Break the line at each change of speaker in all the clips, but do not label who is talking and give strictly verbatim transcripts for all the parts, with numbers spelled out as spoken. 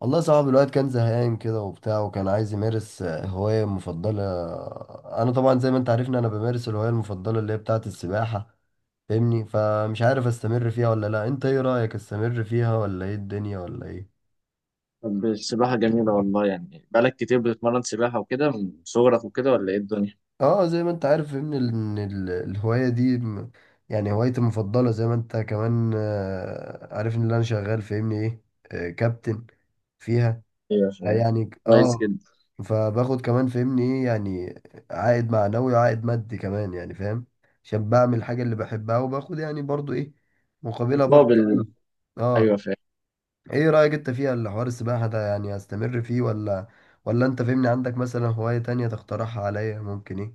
والله صعب الوقت كان زهقان كده وبتاع وكان عايز يمارس آه، هواية مفضلة. أنا طبعا زي ما أنت عارفني أنا بمارس الهواية المفضلة اللي هي بتاعة السباحة، فاهمني؟ فمش عارف أستمر فيها ولا لأ، أنت إيه رأيك، أستمر فيها ولا إيه الدنيا ولا إيه؟
طب السباحة جميلة والله، يعني بقالك كتير بتتمرن سباحة وكده من صغرك وكده ولا ايه الدنيا؟
أه زي ما أنت عارف فاهمني ال- إن ال- الهواية دي م- يعني هوايتي المفضلة، زي ما أنت كمان آه، عارف إن أنا شغال فاهمني إيه، آه، كابتن فيها،
ايوه فاهم.
يعني
كويس
اه.
جدا.
فباخد كمان فهمني ايه، يعني عائد معنوي وعائد مادي كمان، يعني فاهم، عشان بعمل الحاجة اللي بحبها وباخد يعني برضو ايه مقابلها، برضو
مقابل.
فلوس. اه.
ايوه فاهم.
ايه رأيك انت فيها الحوار السباحة ده، يعني استمر فيه ولا ولا انت فهمني عندك مثلا هواية تانية تقترحها عليا، ممكن ايه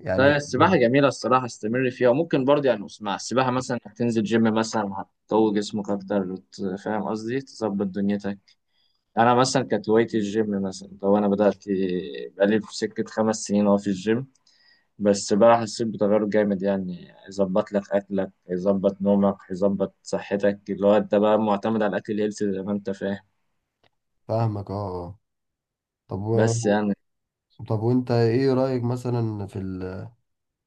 يعني
لا، السباحة
تجيبها؟
جميلة الصراحة، استمر فيها. وممكن برضه، يعني اسمع، السباحة مثلا هتنزل جيم مثلا هتقوي جسمك أكتر، وت- فاهم قصدي، تظبط دنيتك. أنا مثلا كانت هوايتي الجيم، مثلا لو أنا بدأت بقالي في سكة خمس سنين أهو في الجيم. بس بقى حسيت بتغير جامد، يعني يظبط لك اكلك، يظبط نومك، يظبط صحتك، اللي هو انت بقى معتمد على الاكل الهيلثي زي ما انت فاهم.
فاهمك اه. اه. طب
بس
و...
يعني
طب وانت ايه رأيك مثلا في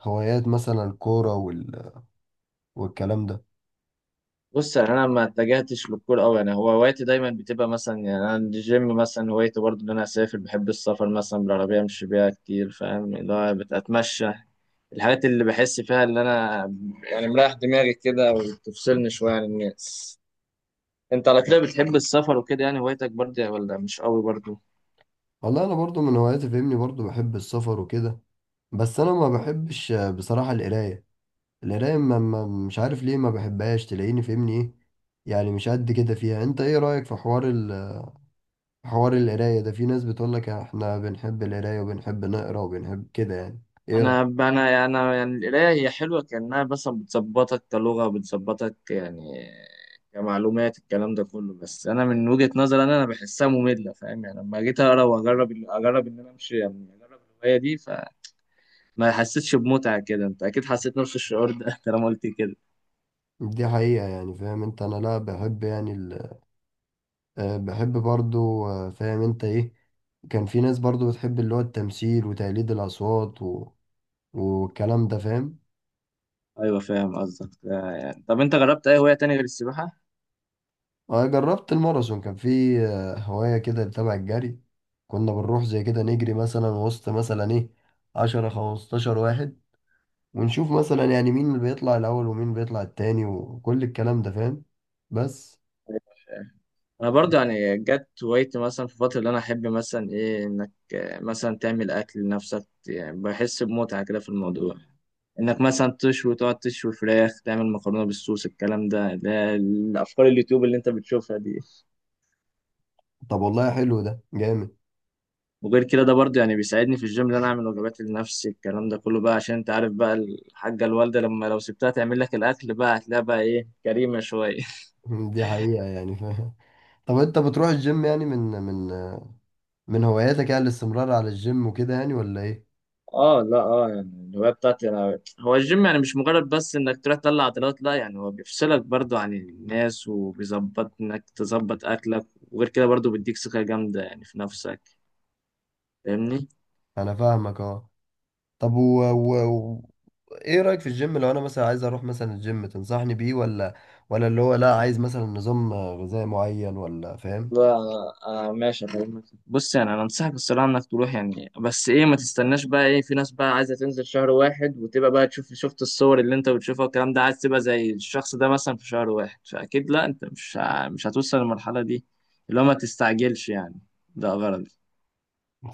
الهوايات، مثلا الكورة وال... والكلام ده.
بص، يعني انا ما اتجهتش للكورة قوي، يعني هو هوايتي دايما بتبقى مثلا، يعني انا الجيم مثلا هوايتي، برضه ان انا اسافر، بحب السفر مثلا بالعربيه امشي بيها كتير، فاهم اللي هو بتمشى الحاجات اللي بحس فيها، اللي انا يعني مريح دماغي كده، وبتفصلني شويه عن الناس. انت على كده بتحب السفر وكده؟ يعني هوايتك برضه ولا مش قوي برضه؟
والله انا برضو من هواياتي فاهمني، برضو بحب السفر وكده، بس انا ما بحبش آه، بصراحة القراية. القراية ما ما- مش عارف ليه ما بحبهاش، تلاقيني فاهمني ايه، يعني مش قد كده فيها. انت ايه رأيك في حوار ال... حوار القراية ده، في ناس بتقولك احنا بنحب القراية وبنحب نقرا وبنحب كده، يعني ايه
انا
رأيك؟
انا يعني، انا يعني القرايه هي حلوه كانها، بس بتظبطك كلغه، بتظبطك يعني كمعلومات، الكلام ده كله. بس انا من وجهه نظري انا انا بحسها ممله، فاهم؟ يعني لما جيت اقرا واجرب اجرب ان انا امشي، يعني اجرب الهوايه دي، فما حسيتش بمتعه كده. انت اكيد حسيت نفس الشعور ده طالما قلت كده.
دي حقيقة يعني. فاهم انت، انا لا بحب يعني ال... آه، بحب برضو آه، فاهم انت ايه، كان في ناس برضو بتحب اللي هو التمثيل وتقليد الأصوات و... والكلام ده فاهم.
ايوه فاهم قصدك. آه، يعني طب انت جربت اي هوايه تانية غير السباحه؟
أنا جربت الماراثون، كان في آه، هواية كده تبع الجري، كنا بنروح زي كده نجري مثلا وسط مثلا إيه عشرة خمستاشر واحد، ونشوف مثلا يعني مين اللي بيطلع الأول ومين بيطلع التاني وكل الكلام ده فاهم، بس.
انا
طب.
برضه يعني جت هوايتي مثلا في الفتره اللي انا احب مثلا ايه، انك آه، مثلا تعمل اكل لنفسك، يعني بحس بمتعه كده في الموضوع، انك مثلا تشوي، تقعد تشوي فراخ، تعمل مكرونه بالصوص، الكلام ده اللي هي الافكار اليوتيوب اللي انت بتشوفها دي.
طب والله حلو، ده جامد.
وغير كده ده برضه يعني بيساعدني في الجيم، اللي انا اعمل وجبات لنفسي، الكلام ده كله بقى عشان انت عارف بقى الحاجه، الوالده لما لو سبتها تعمل لك الاكل بقى هتلاقيها بقى ايه، كريمه شويه.
دي حقيقة يعني فاهم. طب أنت بتروح الجيم، يعني من من آه، من هواياتك يعني الاستمرار على الجيم وكده، يعني ولا إيه؟
اه لا اه، يعني الهوايه بتاعتي انا هو الجيم، يعني مش مجرد بس انك تروح تطلع عضلات، لا يعني هو بيفصلك برضو عن الناس، وبيظبط انك تظبط اكلك، وغير كده برضو بيديك ثقه جامده يعني في نفسك. فاهمني؟
أنا فاهمك أه. طب و... و... ايه رأيك في الجيم، لو انا مثلا عايز اروح مثلا الجيم تنصحني بيه، ولا ولا اللي هو لا، عايز مثلا نظام غذائي معين ولا فاهم؟
لا انا، أنا ماشي أكلمك، بص يعني انا انصحك الصراحه انك تروح، يعني بس ايه ما تستناش بقى. ايه، في ناس بقى عايزه تنزل شهر واحد وتبقى بقى تشوف، شفت الصور اللي انت بتشوفها والكلام ده، عايز تبقى زي الشخص ده مثلا في شهر واحد، فاكيد لا، انت مش ع- مش هتوصل للمرحله دي. اللي هو ما تستعجلش يعني، ده غلط.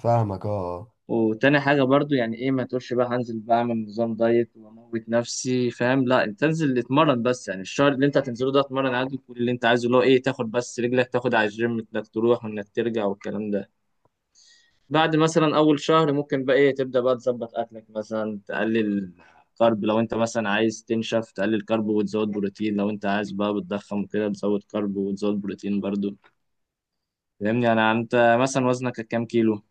فاهمك اه.
وتاني حاجة برضو يعني ايه، ما تقولش بقى هنزل بعمل نظام دايت واموت نفسي، فاهم؟ لا، انت انزل اتمرن بس، يعني الشهر اللي انت هتنزله ده اتمرن عادي، كل اللي انت عايزه اللي هو ايه، تاخد بس رجلك تاخد على الجيم، انك تروح وانك ترجع والكلام ده. بعد مثلا اول شهر ممكن بقى ايه، تبدأ بقى تظبط اكلك، مثلا تقلل كارب لو انت مثلا عايز تنشف، تقلل كارب وتزود بروتين، لو انت عايز بقى بتضخم وكده بتزود كارب وتزود بروتين برضو. فاهمني؟ انا، انت مثلا وزنك كام كيلو؟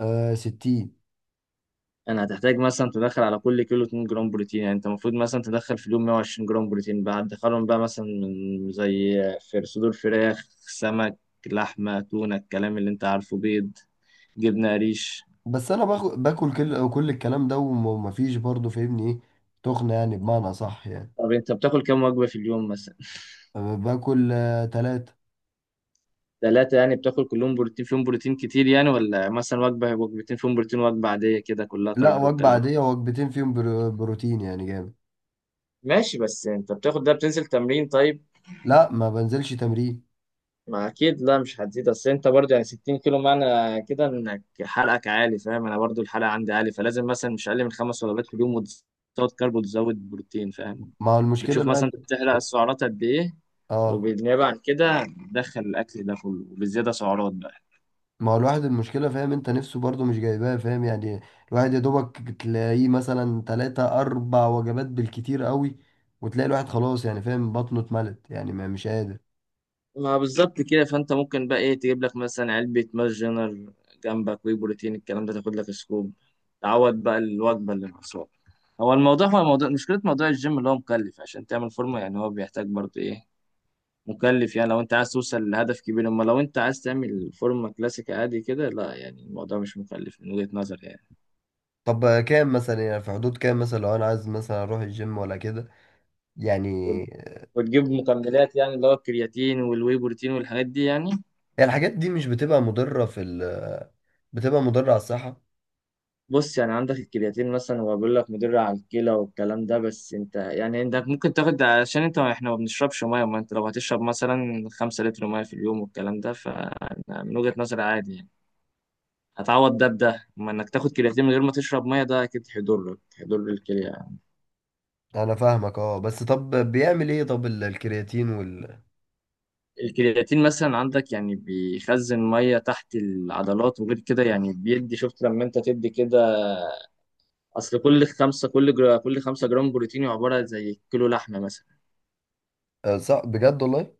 آه، آه، ستين.
يعني هتحتاج مثلا تدخل على كل كيلو 2 جرام بروتين، يعني انت المفروض مثلا تدخل في اليوم مية وعشرين جرام بروتين بقى. هتدخلهم بقى مثلا من زي في صدور فراخ، سمك، لحمة، تونة، الكلام اللي انت عارفه، بيض، جبنة قريش.
بس انا باخ- باكل كل كل الكلام ده وم- ومفيش برضه فاهمني ايه، تخنة يعني، بمعنى صح يعني.
طب انت بتاكل كام وجبة في اليوم مثلا؟
آه، باكل آه، تلاتة.
ثلاثة، يعني بتاكل كلهم بروتين فيهم بروتين كتير، يعني ولا مثلا وجبة وجبتين فيهم بروتين وجبة عادية كده كلها
لا،
كارب
وجبة
والكلام ده؟
عادية وجبتين فيهم برو- بروتين، يعني جامد.
ماشي، بس انت بتاخد ده بتنزل تمرين طيب؟
لا، ما بنزلش تمرين.
ما اكيد لا مش هتزيد، اصل انت برضو يعني ستين كيلو، معنى كده انك حرقك عالي، فاهم؟ انا برضو الحرق عندي عالي، فلازم مثلا مش اقل من خمس وجبات في اليوم وتزود كارب وتزود بروتين، فاهم؟
ما هو المشكلة
بتشوف مثلا
الواحد.
تحرق السعرات قد ايه،
اه.
وبالنيابه عن كده تدخل الاكل ده كله وبالزياده سعرات بقى.
ما هو الواحد المشكلة فاهم انت، نفسه برضه مش جايباه فاهم يعني. الواحد يا دوبك تلاقيه مثلا تلاتة أربع وجبات بالكتير قوي، وتلاقي الواحد خلاص يعني فاهم، بطنه اتملت يعني ما مش قادر.
ما بالظبط كده، فانت ممكن بقى ايه، تجيب لك مثلا علبه ماس جنر جنبك، وي بروتين، الكلام ده، تاخد لك سكوب تعوض بقى الوجبه اللي ناقصاك. هو الموضوع هو الموضوع مشكله، موضوع الجيم اللي هو مكلف عشان تعمل فورمه، يعني هو بيحتاج برضو ايه، مكلف، يعني لو انت عايز توصل لهدف كبير. اما لو انت عايز تعمل فورمة كلاسيك عادي كده، لا يعني الموضوع مش مكلف من وجهة نظري يعني.
طب كام مثلا، يعني في حدود كام مثلا لو أنا عايز مثلا أروح الجيم ولا كده يعني؟
وت- وتجيب مكملات، يعني اللي هو الكرياتين والواي بروتين والحاجات دي يعني.
هي الحاجات دي مش بتبقى مضرة في ال... بتبقى مضرة على الصحة؟
بص يعني، عندك الكرياتين مثلا هو بيقول لك مضر على الكلى والكلام ده. بس انت يعني انت ممكن تاخد، عشان انت احنا ما بنشربش ميه، ما انت لو هتشرب مثلا خمسة لتر ميه في اليوم والكلام ده، فمن وجهة نظري عادي يعني، هتعوض ده بده. اما انك تاخد كرياتين من غير ما تشرب ميه، ده اكيد هيضرك، هيضر الكلى.
أنا فاهمك اه، بس طب بيعمل ايه طب ال- الكرياتين وال...
الكرياتين مثلا عندك يعني بيخزن ميه تحت العضلات، وغير كده يعني بيدي، شفت لما انت تدي كده، اصل كل خمسه، كل جرا كل خمسة جرام بروتين عباره زي كيلو لحمه مثلا.
آه، صح، بجد والله.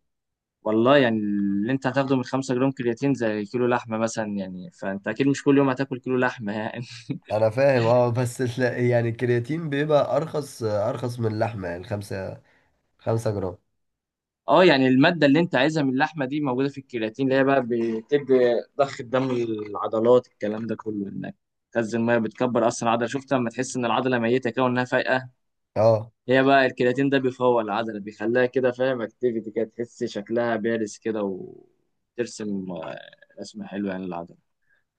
والله يعني اللي انت هتاخده من خمسة جرام كرياتين زي كيلو لحمه مثلا يعني، فانت اكيد مش كل يوم هتاكل كيلو لحمه يعني.
انا فاهم اه، بس ال- يعني الكرياتين بيبقى ارخص، ارخص من اللحمه، يعني خمسة خمسة جرام.
اه يعني الماده اللي انت عايزها من اللحمه دي موجوده في الكرياتين، اللي هي بقى بتدي ضخ الدم للعضلات، الكلام ده كله انك تخزن ميه، بتكبر اصلا العضله. شفت لما تحس ان العضله ميته كده وانها فايقه؟
اه.
هي بقى الكرياتين ده بيفوق العضلة، بيخليها كده، فاهم اكتيفيتي كده، تحس شكلها بارز كده وترسم آه، رسمة حلوة يعني للعضلة.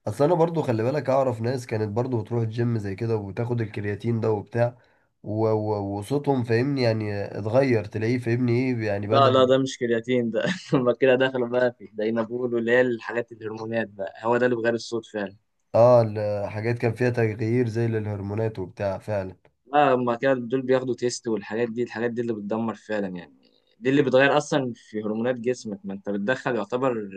اصل انا برضو خلي بالك اعرف ناس كانت برضو بتروح الجيم زي كده وتاخد الكرياتين ده وبتاع و- و- وصوتهم فاهمني يعني اتغير، تلاقيه فاهمني ايه يعني بدأ
لا لا،
ي-
ده مش كرياتين ده. هما كده دخلوا بقى في الدينابول، واللي هي الحاجات الهرمونات بقى، هو ده اللي بغير الصوت فعلا.
اه، الحاجات كان فيها تغيير زي للهرمونات وبتاع فعلا.
لا، هما كده دول بياخدوا تيست والحاجات دي، الحاجات دي اللي بتدمر فعلا يعني، دي اللي بتغير اصلا في هرمونات جسمك. ما انت بتدخل يعتبر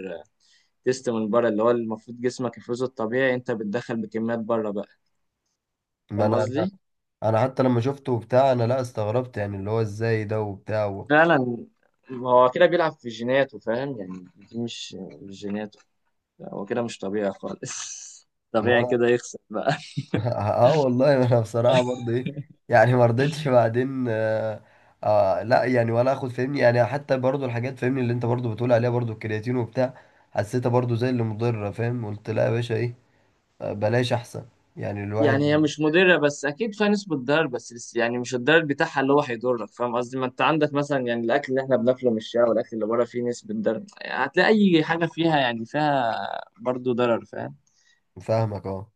تيست من بره، اللي هو المفروض جسمك يفرزه الطبيعي، انت بتدخل بكميات بره بقى.
ما
فاهم
انا انا
قصدي؟
أنا حتى لما شفته وبتاع انا لا استغربت، يعني اللي هو ازاي ده وبتاع.
فعلا، هو كده بيلعب في جيناته فاهم يعني، دي مش مش جيناته. لا، هو كده مش طبيعي خالص. طبيعي كده يخسر بقى.
اه والله. ما انا بصراحه برضه ايه، يعني ما رضيتش بعدين. آه آه لا يعني، ولا اخد فهمني، يعني حتى برضه الحاجات فهمني اللي انت برضه بتقول عليها، برضه الكرياتين وبتاع حسيتها برضه زي اللي مضره فاهم، قلت لا يا باشا ايه، آه، بلاش احسن، يعني
يعني هي
الواحد.
مش مضرة، بس أكيد فيها نسبة ضرر، بس لس- يعني مش الضرر بتاعها اللي هو هيضرك، فاهم قصدي؟ ما أنت عندك مثلا، يعني الأكل اللي إحنا بناكله من الشارع والأكل اللي بره فيه نسبة ضرر، يعني هتلاقي أي حاجة فيها يعني فيها برضه ضرر، فاهم؟
فاهمك اه.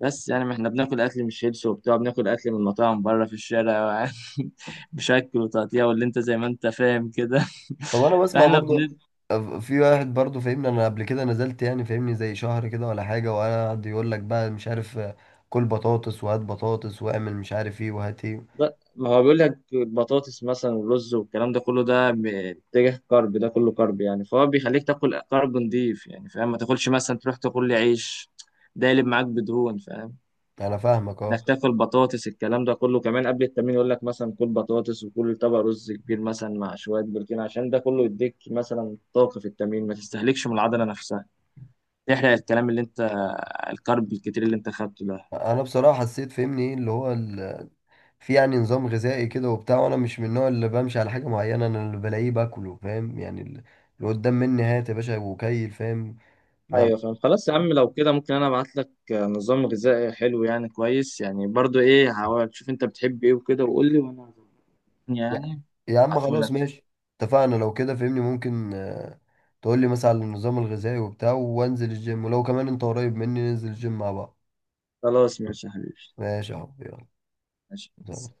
بس يعني ما احنا بناكل اكل من شيبس وبتاع، بناكل اكل من مطاعم بره في الشارع بشكل وتقطيع واللي انت زي ما انت فاهم كده.
طب انا بسمع
فاحنا بن...
برضه آه، في واحد برضه فاهمني، انا قبل كده نزلت يعني فاهمني زي شهر كده ولا حاجه، وقعد يقول لك بقى مش عارف آه، كل بطاطس وهات بطاطس واعمل مش عارف ايه وهات ايه.
ما هو بيقول لك البطاطس مثلا والرز والكلام ده كله، ده ب- اتجاه كارب، ده كله كارب يعني، فهو بيخليك تاكل كارب نضيف يعني، فاهم؟ ما تاكلش مثلا تروح تاكل لي عيش، ده يقلب معاك بدهون، فاهم؟
انا فاهمك اه.
نكتفي البطاطس. الكلام ده كله كمان قبل التمرين، يقول لك مثلا كل بطاطس وكل طبق رز كبير مثلا مع شويه بروتين، عشان ده كله يديك مثلا طاقه في التمرين، ما تستهلكش من العضله نفسها، تحرق الكلام اللي انت، الكارب الكتير اللي انت خدته ده.
انا بصراحه حسيت فهمني ايه اللي هو ال... في يعني نظام غذائي كده وبتاع، وانا مش من النوع اللي بمشي على حاجه معينه، انا اللي بلاقيه باكله فاهم يعني ال... اللي قدام مني هات يا باشا وكيل فاهم. ما...
ايوه فاهم. خلاص يا عم، لو كده ممكن انا ابعت لك نظام غذائي حلو يعني كويس، يعني برضو ايه، هحاول شوف انت بتحب ايه وكده وقول لي، وانا
يا...
يعني
يا عم
ابعته
خلاص
لك.
ماشي، اتفقنا. لو كده فهمني ممكن آه، تقول لي مثلا على النظام الغذائي وبتاع، وانزل الجيم، ولو كمان انت قريب مني ننزل الجيم مع بعض.
خلاص ماشي يا حبيبي.
ماشي يا حبيبي. يلا.
ماشي.